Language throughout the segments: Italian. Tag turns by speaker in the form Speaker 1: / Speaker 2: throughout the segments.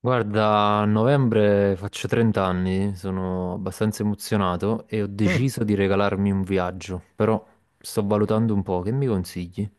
Speaker 1: Guarda, a novembre faccio 30 anni, sono abbastanza emozionato e ho
Speaker 2: Mm.
Speaker 1: deciso di regalarmi un viaggio, però sto valutando un po', che mi consigli?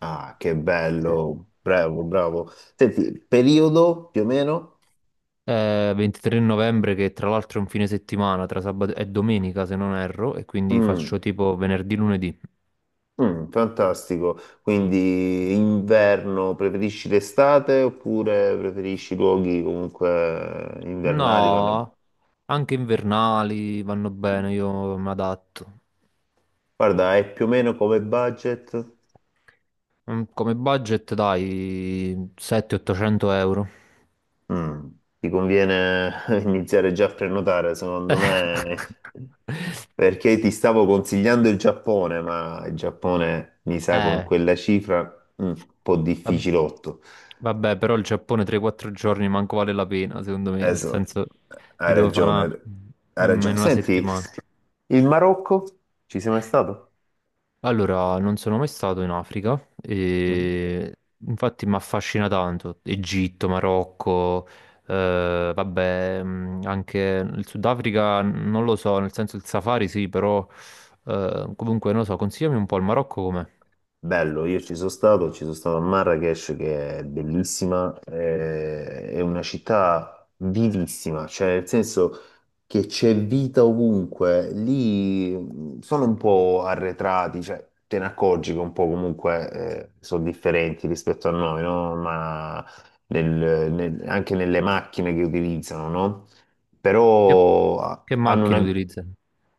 Speaker 2: Ah, che Sì. Bello, bravo, bravo. Senti, periodo più o meno?
Speaker 1: È 23 novembre, che tra l'altro è un fine settimana, tra sabato e domenica se non erro, e quindi faccio
Speaker 2: Mm,
Speaker 1: tipo venerdì, lunedì.
Speaker 2: mm, fantastico. Quindi inverno, preferisci l'estate oppure preferisci luoghi comunque invernali? Vanno.
Speaker 1: No, anche invernali vanno bene, io mi adatto.
Speaker 2: Guarda, è più o meno come budget?
Speaker 1: Come budget dai 700-800 euro.
Speaker 2: Mm. Ti conviene iniziare già a prenotare, secondo me, perché ti stavo consigliando il Giappone, ma il Giappone mi sa con
Speaker 1: Eh,
Speaker 2: quella cifra un po'
Speaker 1: Vab-
Speaker 2: difficilotto.
Speaker 1: Vabbè, però il Giappone 3-4 giorni manco vale la pena, secondo me, nel
Speaker 2: Esatto,
Speaker 1: senso mi
Speaker 2: hai
Speaker 1: devo fare
Speaker 2: ragione,
Speaker 1: una-
Speaker 2: hai
Speaker 1: in
Speaker 2: ragione.
Speaker 1: una
Speaker 2: Senti,
Speaker 1: settimana.
Speaker 2: il Marocco, ci sei mai stato?
Speaker 1: Allora, non sono mai stato in Africa
Speaker 2: Mm.
Speaker 1: e infatti mi affascina tanto Egitto, Marocco, vabbè, anche il Sudafrica non lo so, nel senso il safari sì, però comunque non lo so, consigliami un po' il Marocco com'è?
Speaker 2: Bello, io ci sono stato a Marrakech, che è bellissima. È una città vivissima, cioè, nel senso che c'è vita ovunque. Lì sono un po' arretrati, cioè te ne accorgi che un po' comunque sono differenti rispetto a noi, no? Ma anche nelle macchine che utilizzano, no?
Speaker 1: Che,
Speaker 2: Però ah,
Speaker 1: che
Speaker 2: hanno
Speaker 1: macchine
Speaker 2: una,
Speaker 1: utilizza?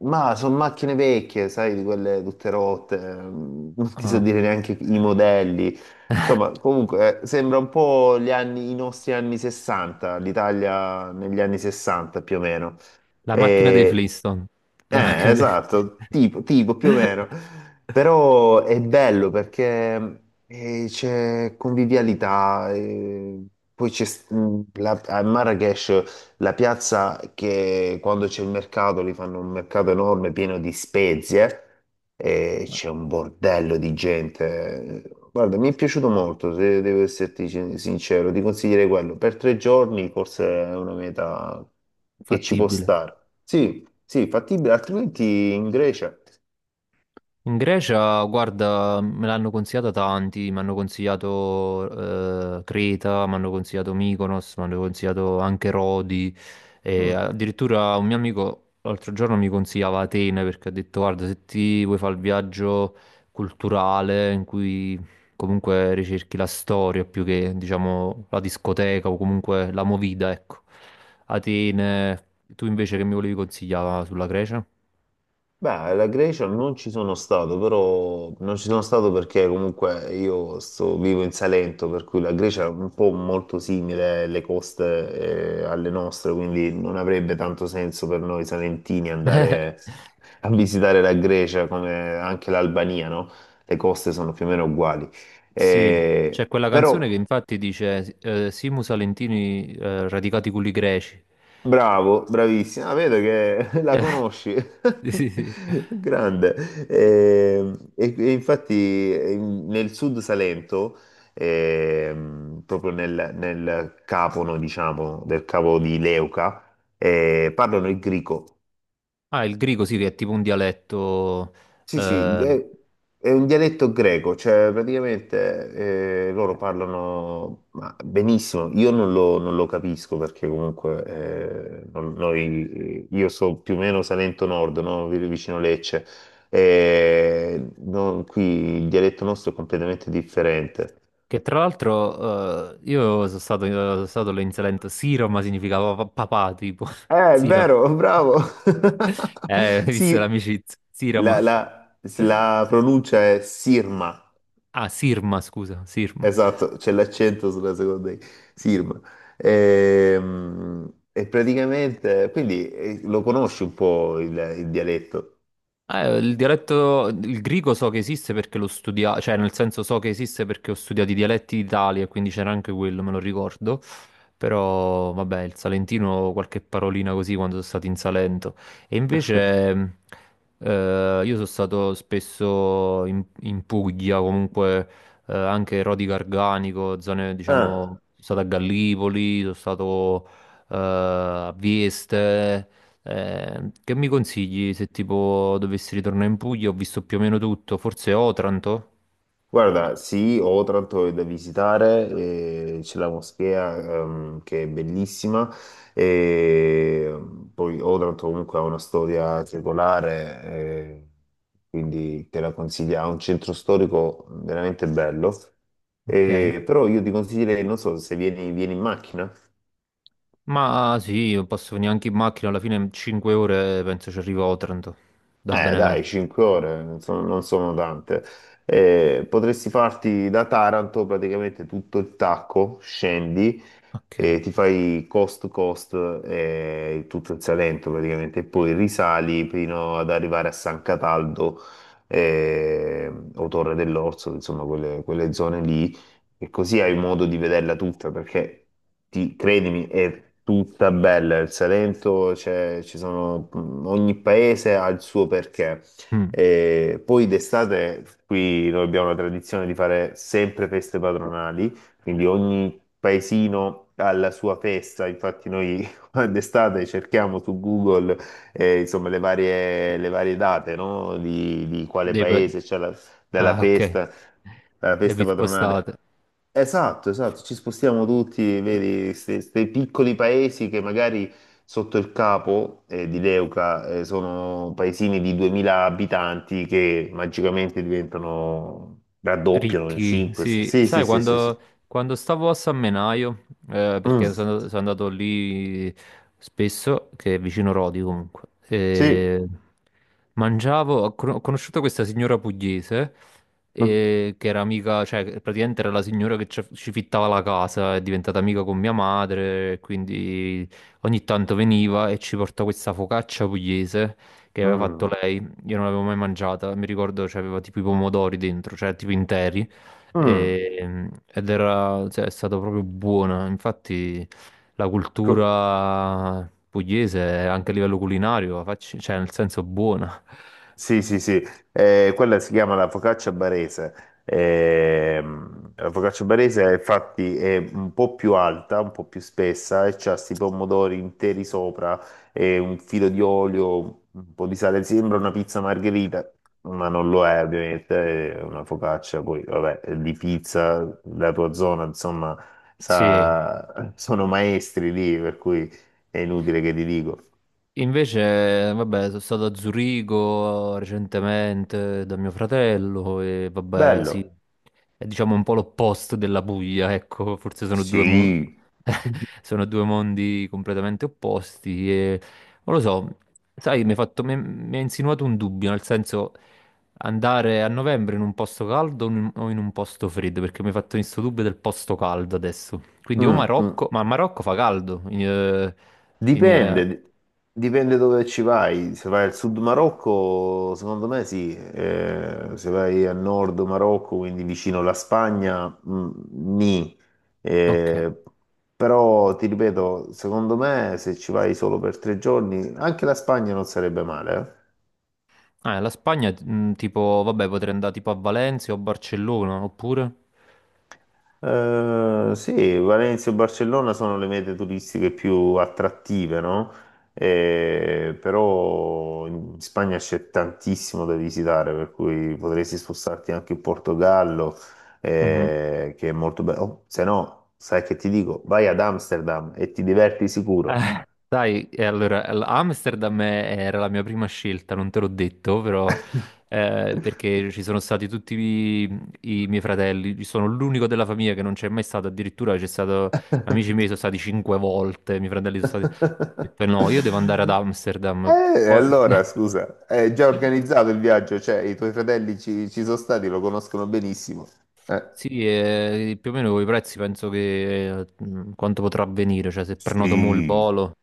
Speaker 2: ma sono macchine vecchie, sai, di quelle tutte rotte, non ti so dire neanche i modelli. Insomma, comunque sembra un po' gli anni, i nostri anni 60, l'Italia negli anni 60 più o meno.
Speaker 1: La macchina dei
Speaker 2: E,
Speaker 1: Flintstone. La macchina dei
Speaker 2: esatto, tipo, tipo più o meno. Però è bello perché c'è convivialità. Poi c'è a Marrakesh la piazza, che quando c'è il mercato, lì fanno un mercato enorme pieno di spezie, e c'è un bordello di gente. Guarda, mi è piaciuto molto, se devo esserti sincero, ti consiglierei quello. Per tre giorni forse è una meta che ci può
Speaker 1: Fattibile.
Speaker 2: stare. Sì, sì, fattibile, altrimenti in Grecia.
Speaker 1: In Grecia, guarda, me l'hanno consigliata tanti, mi hanno consigliato Creta, mi hanno consigliato Mykonos, mi hanno consigliato anche Rodi e
Speaker 2: Mm.
Speaker 1: addirittura un mio amico l'altro giorno mi consigliava Atene perché ha detto guarda, se ti vuoi fare il viaggio culturale in cui comunque ricerchi la storia più che diciamo la discoteca o comunque la movida, ecco. Atene, tu invece che mi volevi consigliare sulla Grecia?
Speaker 2: Beh, la Grecia non ci sono stato, però non ci sono stato perché comunque io vivo in Salento, per cui la Grecia è un po' molto simile alle coste, alle nostre, quindi non avrebbe tanto senso per noi salentini andare a visitare la Grecia, come anche l'Albania, no? Le coste sono più o meno uguali.
Speaker 1: Sì, c'è quella canzone
Speaker 2: Però.
Speaker 1: che infatti dice Simus Salentini radicati culi greci.
Speaker 2: Bravo, bravissima. Ah, vedo che la
Speaker 1: Eh,
Speaker 2: conosci.
Speaker 1: sì, sì, sì.
Speaker 2: Grande. E infatti nel sud Salento, proprio nel capono, diciamo, del cavo di Leuca, parlano il grico.
Speaker 1: Ah, il greco sì, che è tipo un dialetto
Speaker 2: Sì, sì,
Speaker 1: eh,
Speaker 2: è un dialetto greco, cioè praticamente loro parlano, ma benissimo. Io non lo capisco, perché comunque io so più o meno Salento Nord, no? Vicino Lecce, e qui il dialetto nostro è completamente differente.
Speaker 1: che tra l'altro io sono stato lì in Salento, Siroma significava papà, tipo,
Speaker 2: È
Speaker 1: Siroma.
Speaker 2: vero, bravo!
Speaker 1: Visto
Speaker 2: Sì,
Speaker 1: l'amicizia, Siroma.
Speaker 2: la, la la pronuncia è Sirma.
Speaker 1: Ah, Sirma, scusa, Sirma.
Speaker 2: Esatto, c'è l'accento sulla seconda I, Sirma. E, praticamente, quindi lo conosci un po' il dialetto?
Speaker 1: Ah, il dialetto, il greco so che esiste perché l'ho studiato, cioè nel senso so che esiste perché ho studiato i dialetti d'Italia, quindi c'era anche quello, me lo ricordo. Però vabbè, il salentino, qualche parolina così quando sono stato in Salento. E invece, io sono stato spesso in Puglia, comunque anche Rodi Garganico, zone diciamo,
Speaker 2: Ah.
Speaker 1: sono stato a Gallipoli, sono stato a Vieste. Che mi consigli se tipo dovessi ritornare in Puglia? Ho visto più o meno tutto, forse Otranto?
Speaker 2: Guarda, sì, ho tanto da visitare. C'è la moschea, che è bellissima, e poi Otranto comunque ha una storia secolare, quindi te la consiglio, ha un centro storico veramente bello.
Speaker 1: Ok.
Speaker 2: Però io ti consiglierei, non so, se vieni, in macchina.
Speaker 1: Ma sì, non posso venire anche in macchina, alla fine in 5 ore penso ci arrivo a Otranto, da
Speaker 2: Eh dai,
Speaker 1: Benevento.
Speaker 2: 5 ore non sono tante. Potresti farti da Taranto praticamente tutto il tacco, scendi,
Speaker 1: Ok.
Speaker 2: e ti fai coast to coast, tutto il Salento praticamente, e poi risali fino ad arrivare a San Cataldo, o Torre dell'Orso, insomma, quelle zone lì, e così hai modo di vederla tutta, perché credimi, è tutta bella. Il Salento, ci sono, ogni paese ha il suo perché.
Speaker 1: Mm.
Speaker 2: E poi d'estate qui noi abbiamo la tradizione di fare sempre feste patronali, quindi ogni paesino alla sua festa. Infatti noi d'estate cerchiamo su Google insomma, le varie date, no? Di quale
Speaker 1: Dei pe-
Speaker 2: paese c'è la, della
Speaker 1: Ah, ok.
Speaker 2: festa, la
Speaker 1: E vi
Speaker 2: festa patronale.
Speaker 1: spostate.
Speaker 2: Esatto, esatto, ci spostiamo tutti, vedi, questi piccoli paesi che magari sotto il capo di Leuca sono paesini di 2000 abitanti che magicamente diventano, raddoppiano in
Speaker 1: Ricchi,
Speaker 2: 5.
Speaker 1: sì,
Speaker 2: Sì, sì,
Speaker 1: sai
Speaker 2: sì, sì, sì.
Speaker 1: quando stavo a San Menaio,
Speaker 2: Mm.
Speaker 1: perché sono andato lì spesso, che è vicino Rodi comunque,
Speaker 2: Sì.
Speaker 1: e mangiavo, ho conosciuto questa signora pugliese,
Speaker 2: Mm.
Speaker 1: che era amica, cioè che praticamente era la signora che ci fittava la casa, è diventata amica con mia madre, quindi ogni tanto veniva e ci portava questa focaccia pugliese che aveva fatto
Speaker 2: Mm.
Speaker 1: lei. Io non l'avevo mai mangiata, mi ricordo c'aveva tipo i pomodori dentro, cioè tipo interi,
Speaker 2: Mm.
Speaker 1: ed era, cioè, è stata proprio buona. Infatti la
Speaker 2: Co-
Speaker 1: cultura pugliese, anche a livello culinario, facci- cioè nel senso buona.
Speaker 2: sì, sì, sì. Quella si chiama la focaccia barese. La focaccia barese, infatti, è un po' più alta, un po' più spessa, e c'ha questi pomodori interi sopra e un filo di olio, un po' di sale. Sembra una pizza margherita, ma non lo è, ovviamente. È una focaccia, poi, vabbè, di pizza, la tua zona, insomma,
Speaker 1: Sì,
Speaker 2: sono maestri lì, per cui è inutile che ti dico.
Speaker 1: invece, vabbè, sono stato a Zurigo recentemente da mio fratello e vabbè, sì,
Speaker 2: Bello.
Speaker 1: è diciamo un po' l'opposto della Puglia, ecco, forse sono due, mo-
Speaker 2: Sì.
Speaker 1: sono due mondi completamente opposti e non lo so, sai, mi hai fatto- mi- mi ha insinuato un dubbio, nel senso andare a novembre in un posto caldo o in un posto freddo, perché mi hai fatto questo dubbio del posto caldo adesso. Quindi o
Speaker 2: Mm, mm.
Speaker 1: Marocco, ma a Marocco fa caldo. In- in-
Speaker 2: Dipende, dipende dove ci vai. Se vai al sud Marocco, secondo me sì. Se vai a nord Marocco, quindi vicino alla Spagna, nì.
Speaker 1: ok.
Speaker 2: Eh, Però ti ripeto, secondo me se ci vai solo per 3 giorni, anche la Spagna non sarebbe male.
Speaker 1: Ah, la Spagna, tipo, vabbè, potrei andare tipo a Valencia o Barcellona, oppure?
Speaker 2: Sì, Valencia e Barcellona sono le mete turistiche più attrattive, no? Però in Spagna c'è tantissimo da visitare, per cui potresti spostarti anche in Portogallo,
Speaker 1: Mhm.
Speaker 2: che è molto bello. Oh, se no, sai che ti dico, vai ad Amsterdam e ti diverti sicuro.
Speaker 1: Sai, e allora, Amsterdam era la mia prima scelta, non te l'ho detto, però, perché ci sono stati tutti i miei fratelli. Io sono l'unico della famiglia che non c'è mai stato, addirittura c'è stato, amici miei sono stati cinque volte, i miei fratelli sono stati. Ho detto, no, io devo andare ad Amsterdam, poi.
Speaker 2: Allora, scusa, è già organizzato il viaggio, cioè i tuoi fratelli ci sono stati, lo conoscono benissimo. Eh,
Speaker 1: Sì, più o meno con i prezzi penso che quanto potrà avvenire, cioè se prenoto mo il
Speaker 2: Sì,
Speaker 1: volo.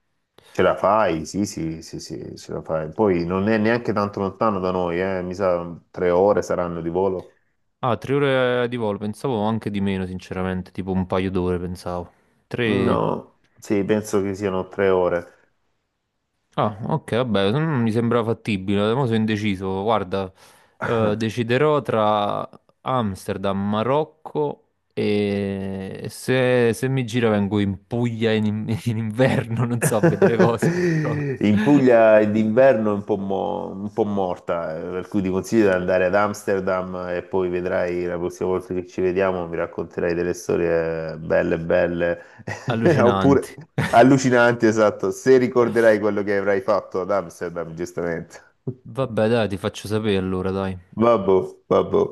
Speaker 2: ce la fai, sì, sì, sì, sì, ce la fai. Poi non è neanche tanto lontano da noi, mi sa 3 ore saranno di volo.
Speaker 1: Ah, 3 ore di volo, pensavo anche di meno, sinceramente, tipo un paio d'ore pensavo. Tre.
Speaker 2: No, sì, penso che siano 3 ore.
Speaker 1: Ah, ok, vabbè, mi sembra fattibile, mo sono indeciso, guarda, deciderò tra Amsterdam, Marocco e se mi gira vengo in Puglia in inverno, non so a vedere cosa, però
Speaker 2: In Puglia d'inverno è un po', un po' morta, per cui ti consiglio di andare ad Amsterdam, e poi vedrai la prossima volta che ci vediamo, mi racconterai delle storie belle, belle, oppure
Speaker 1: allucinanti.
Speaker 2: allucinanti, esatto, se ricorderai quello che avrai fatto ad Amsterdam, giustamente.
Speaker 1: Vabbè, dai, ti faccio sapere allora, dai.
Speaker 2: Vabbè, vabbè.